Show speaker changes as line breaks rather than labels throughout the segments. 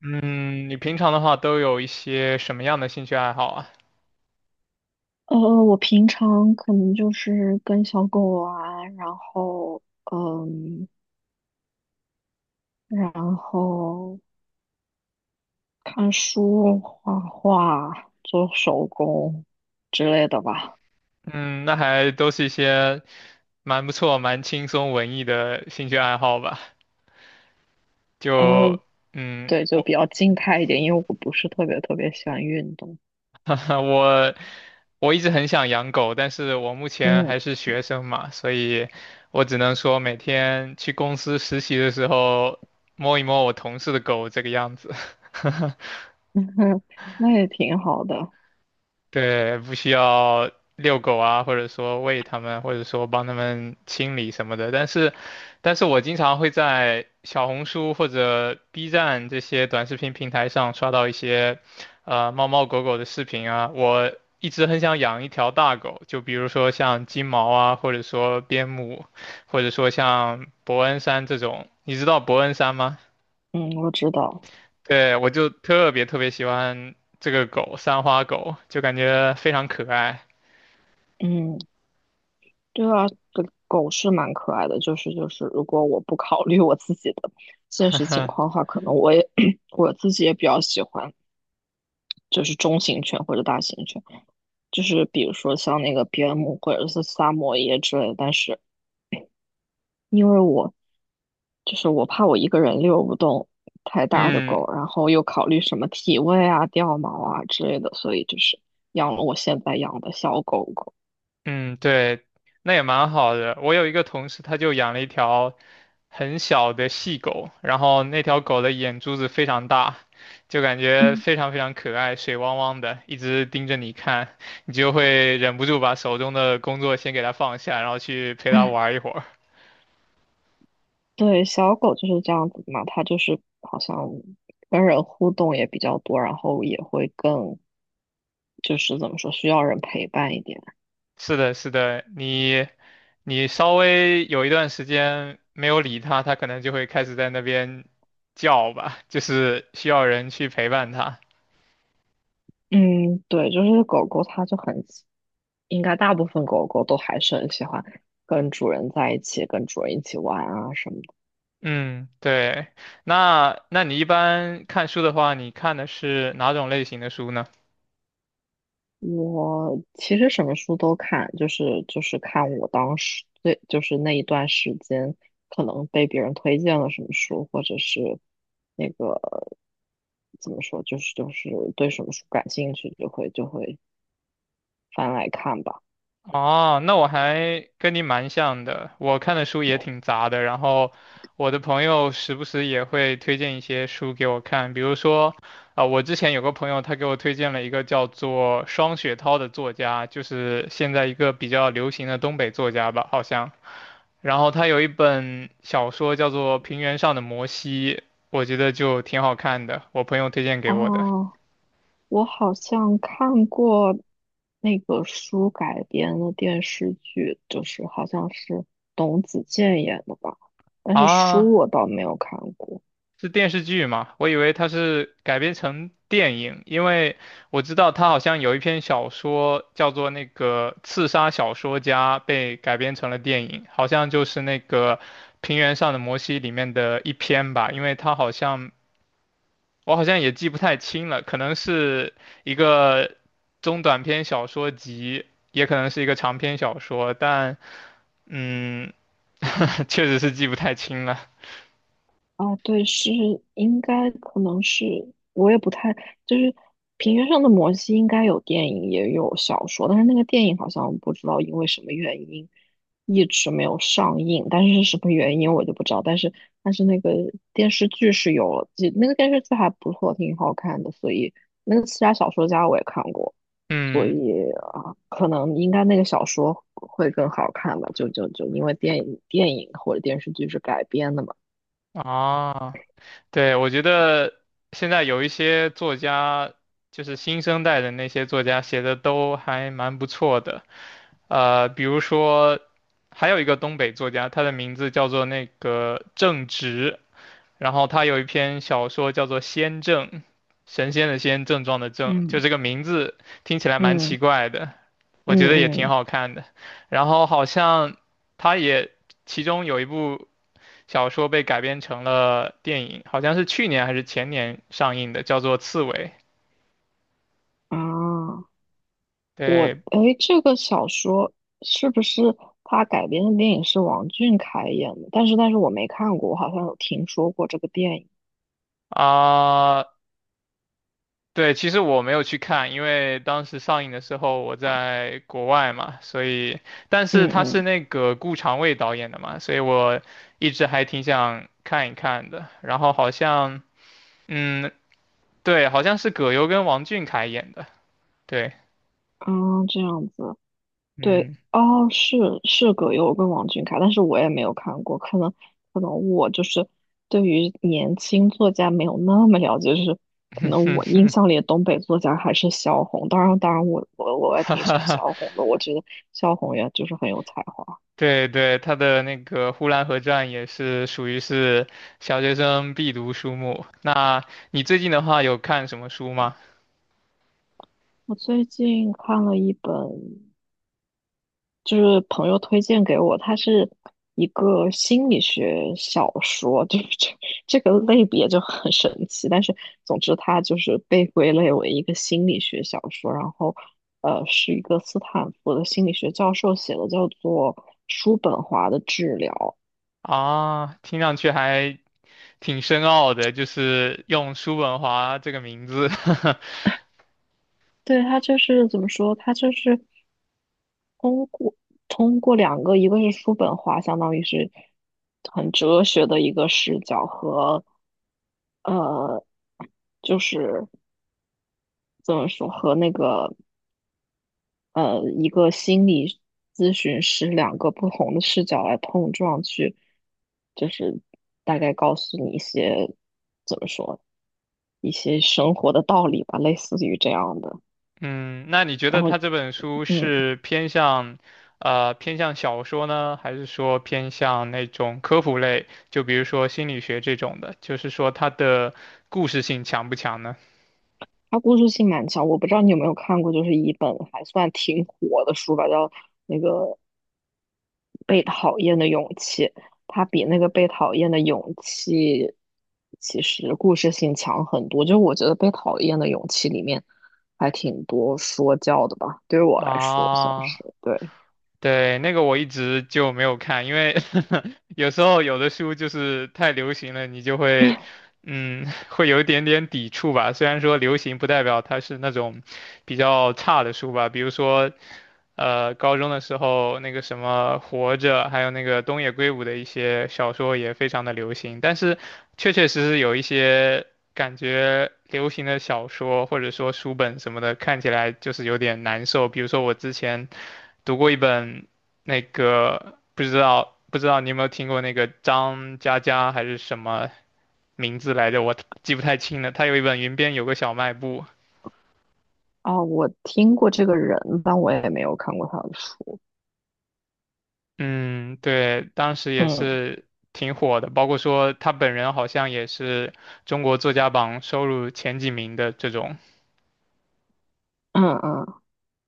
嗯，你平常的话都有一些什么样的兴趣爱好啊？
呃，我平常可能就是跟小狗玩，嗯，然后看书、画画、做手工之类的吧。
嗯，那还都是一些蛮不错、蛮轻松、文艺的兴趣爱好吧。就
呃，对，就
我
比较静态一点，因为我不是特别特别喜欢运动。
我我一直很想养狗，但是我目前还
嗯。
是学生嘛，所以我只能说每天去公司实习的时候摸一摸我同事的狗这个样子。
那也挺好的。
对，不需要遛狗啊，或者说喂它们，或者说帮它们清理什么的。但是我经常会在小红书或者 B 站这些短视频平台上刷到一些，猫猫狗狗的视频啊。我一直很想养一条大狗，就比如说像金毛啊，或者说边牧，或者说像伯恩山这种。你知道伯恩山吗？
嗯，我知道。
对，我就特别特别喜欢这个狗，三花狗，就感觉非常可爱。
嗯，对啊，狗狗是蛮可爱的，如果我不考虑我自己的现实情 况的话，可能我也 我自己也比较喜欢。就是中型犬或者大型犬，就是比如说像那个边牧或者是萨摩耶之类的。但是因为我就是我怕我一个人遛不动太大的
嗯
狗，然后又考虑什么体味啊、掉毛啊之类的，所以就是养了我现在养的小狗狗。
嗯，对，那也蛮好的。我有一个同事，他就养了一条很小的细狗，然后那条狗的眼珠子非常大，就感觉非常非常可爱，水汪汪的，一直盯着你看，你就会忍不住把手中的工作先给它放下，然后去陪它 玩一会儿。
对，小狗就是这样子嘛，它就是好像跟人互动也比较多，然后也会更就是怎么说，需要人陪伴一点。
是的，是的，你稍微有一段时间没有理它，它可能就会开始在那边叫吧，就是需要人去陪伴它。
嗯，对，就是狗狗它就很喜应该大部分狗狗都还是很喜欢跟主人在一起，跟主人一起玩啊什么的。
嗯，对。那你一般看书的话，你看的是哪种类型的书呢？
我其实什么书都看，就是看我当时最就是那一段时间可能被别人推荐了什么书，或者是那个怎么说，就是对什么书感兴趣，就会翻来看吧。
哦，那我还跟你蛮像的，我看的书也挺杂的，然后我的朋友时不时也会推荐一些书给我看，比如说，我之前有个朋友他给我推荐了一个叫做双雪涛的作家，就是现在一个比较流行的东北作家吧，好像。然后他有一本小说叫做《平原上的摩西》，我觉得就挺好看的，我朋友推荐给我的。
哦，我好像看过那个书改编的电视剧，就是好像是董子健演的吧，但是
啊，
书我倒没有看过。
是电视剧吗？我以为它是改编成电影，因为我知道他好像有一篇小说叫做那个《刺杀小说家》，被改编成了电影，好像就是那个《平原上的摩西》里面的一篇吧，因为他好像我好像也记不太清了，可能是一个中短篇小说集，也可能是一个长篇小说，但嗯，确实是记不太清了。
啊，对，是应该可能是我也不太，就是《平原上的摩西》应该有电影也有小说，但是那个电影好像不知道因为什么原因一直没有上映，但是是什么原因我就不知道。但是那个电视剧是有了，记那个电视剧还不错，挺好看的，所以那个《刺杀小说家》我也看过，所
嗯，
以啊，可能应该那个小说会更好看吧，就因为电影或者电视剧是改编的嘛。
啊，对，我觉得现在有一些作家，就是新生代的那些作家写的都还蛮不错的，比如说还有一个东北作家，他的名字叫做那个郑直，然后他有一篇小说叫做《仙症》，神仙的仙，症状的症，就
嗯。
这个名字听起来蛮
嗯。
奇怪的，我
嗯
觉得也挺
嗯。
好看的。然后好像他也其中有一部小说被改编成了电影，好像是去年还是前年上映的，叫做《刺猬》。
啊，我
对
诶，这个小说是不是他改编的电影是王俊凯演的？但是我没看过，我好像有听说过这个电影。
啊、对，其实我没有去看，因为当时上映的时候我在国外嘛，所以，但是
嗯
他是
嗯。
那个顾长卫导演的嘛，所以我一直还挺想看一看的。然后好像，嗯，对，好像是葛优跟王俊凯演的，对，
啊，这样子，对
嗯，
哦，是葛优跟王俊凯，但是我也没有看过，可能我就是对于年轻作家没有那么了解，就是可能我印 象里的东北作家还是萧红，当然我也
哈
挺喜
哈
欢
哈，
萧红的，我觉得萧红也就是很有才华。
对对，他的那个《呼兰河传》也是属于是小学生必读书目。那你最近的话有看什么书吗？
我最近看了一本，就是朋友推荐给我，它是一个心理学小说，就是这个类别就很神奇。但是总之，它就是被归类为一个心理学小说。然后，是一个斯坦福的心理学教授写的，叫做《叔本华的治疗》。
啊，听上去还挺深奥的，就是用叔本华这个名字。
对，他就是怎么说？他就是通过通过两个，一个是书本化，相当于是很哲学的一个视角和呃，就是怎么说和那个一个心理咨询师两个不同的视角来碰撞去，就是大概告诉你一些怎么说一些生活的道理吧，类似于这样的。
嗯，那你觉得
然后
他这本书
嗯，
是偏向，偏向小说呢，还是说偏向那种科普类，就比如说心理学这种的？就是说它的故事性强不强呢？
它故事性蛮强，我不知道你有没有看过，就是一本还算挺火的书吧，叫那个《被讨厌的勇气》。它比那个《被讨厌的勇气》其实故事性强很多。就是我觉得《被讨厌的勇气》里面还挺多说教的吧，对于我来说算
啊，
是对。
对，那个我一直就没有看，因为 有时候有的书就是太流行了，你就会，嗯，会有一点点抵触吧。虽然说流行不代表它是那种比较差的书吧，比如说，高中的时候那个什么《活着》，还有那个东野圭吾的一些小说也非常的流行，但是确确实实有一些感觉流行的小说或者说书本什么的，看起来就是有点难受。比如说我之前,读过一本那个不知道你有没有听过那个张嘉佳还是什么名字来着，我记不太清了。他有一本《云边有个小卖部》，
啊，我听过这个人，但我也没有看过他的书。
嗯，对，当时也
嗯
是挺火的，包括说他本人好像也是中国作家榜收入前几名的这种，
嗯。嗯。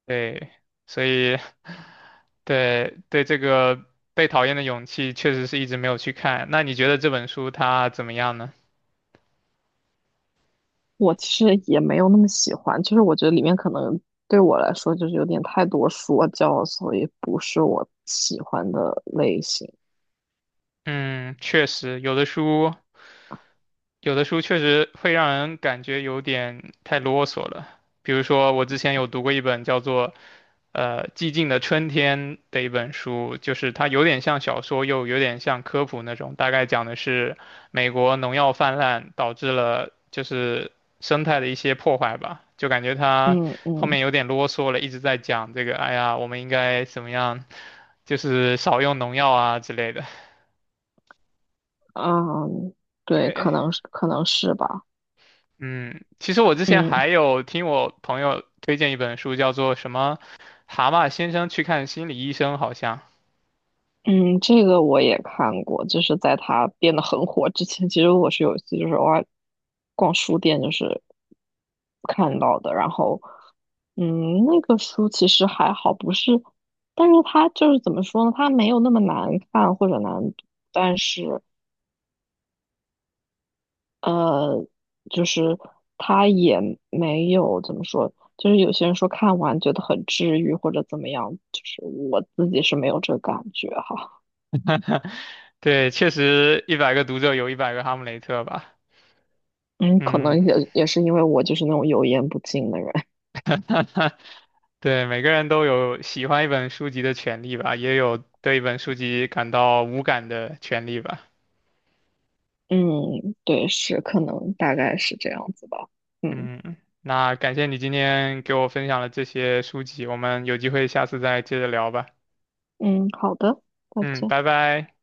对，所以对对这个《被讨厌的勇气》确实是一直没有去看。那你觉得这本书它怎么样呢？
我其实也没有那么喜欢，就是我觉得里面可能对我来说就是有点太多说教，所以不是我喜欢的类型。
嗯，确实，有的书确实会让人感觉有点太啰嗦了。比如说，我之前有读过一本叫做《寂静的春天》的一本书，就是它有点像小说，又有点像科普那种。大概讲的是美国农药泛滥导致了就是生态的一些破坏吧，就感觉它
嗯
后面
嗯。
有点啰嗦了，一直在讲这个，哎呀，我们应该怎么样，就是少用农药啊之类的。
嗯，对，可
对。
能是可能是吧。
嗯，其实我之前
嗯。
还有听我朋友推荐一本书，叫做什么《蛤蟆先生去看心理医生》，好像。
嗯，这个我也看过，就是在他变得很火之前，其实我是有一次就是偶尔逛书店，就是看到的。然后，嗯，那个书其实还好，不是，但是它就是怎么说呢？它没有那么难看或者难读，但是呃，就是它也没有怎么说，就是有些人说看完觉得很治愈或者怎么样，就是我自己是没有这个感觉哈。
对，确实一百个读者有一百个哈姆雷特吧。
嗯，可能
嗯，
也是因为我就是那种油盐不进的人。
对，每个人都有喜欢一本书籍的权利吧，也有对一本书籍感到无感的权利吧。
嗯，对，是，可能大概是这样子吧。嗯。
嗯，那感谢你今天给我分享了这些书籍，我们有机会下次再接着聊吧。
嗯，好的，再
嗯，
见。
拜拜。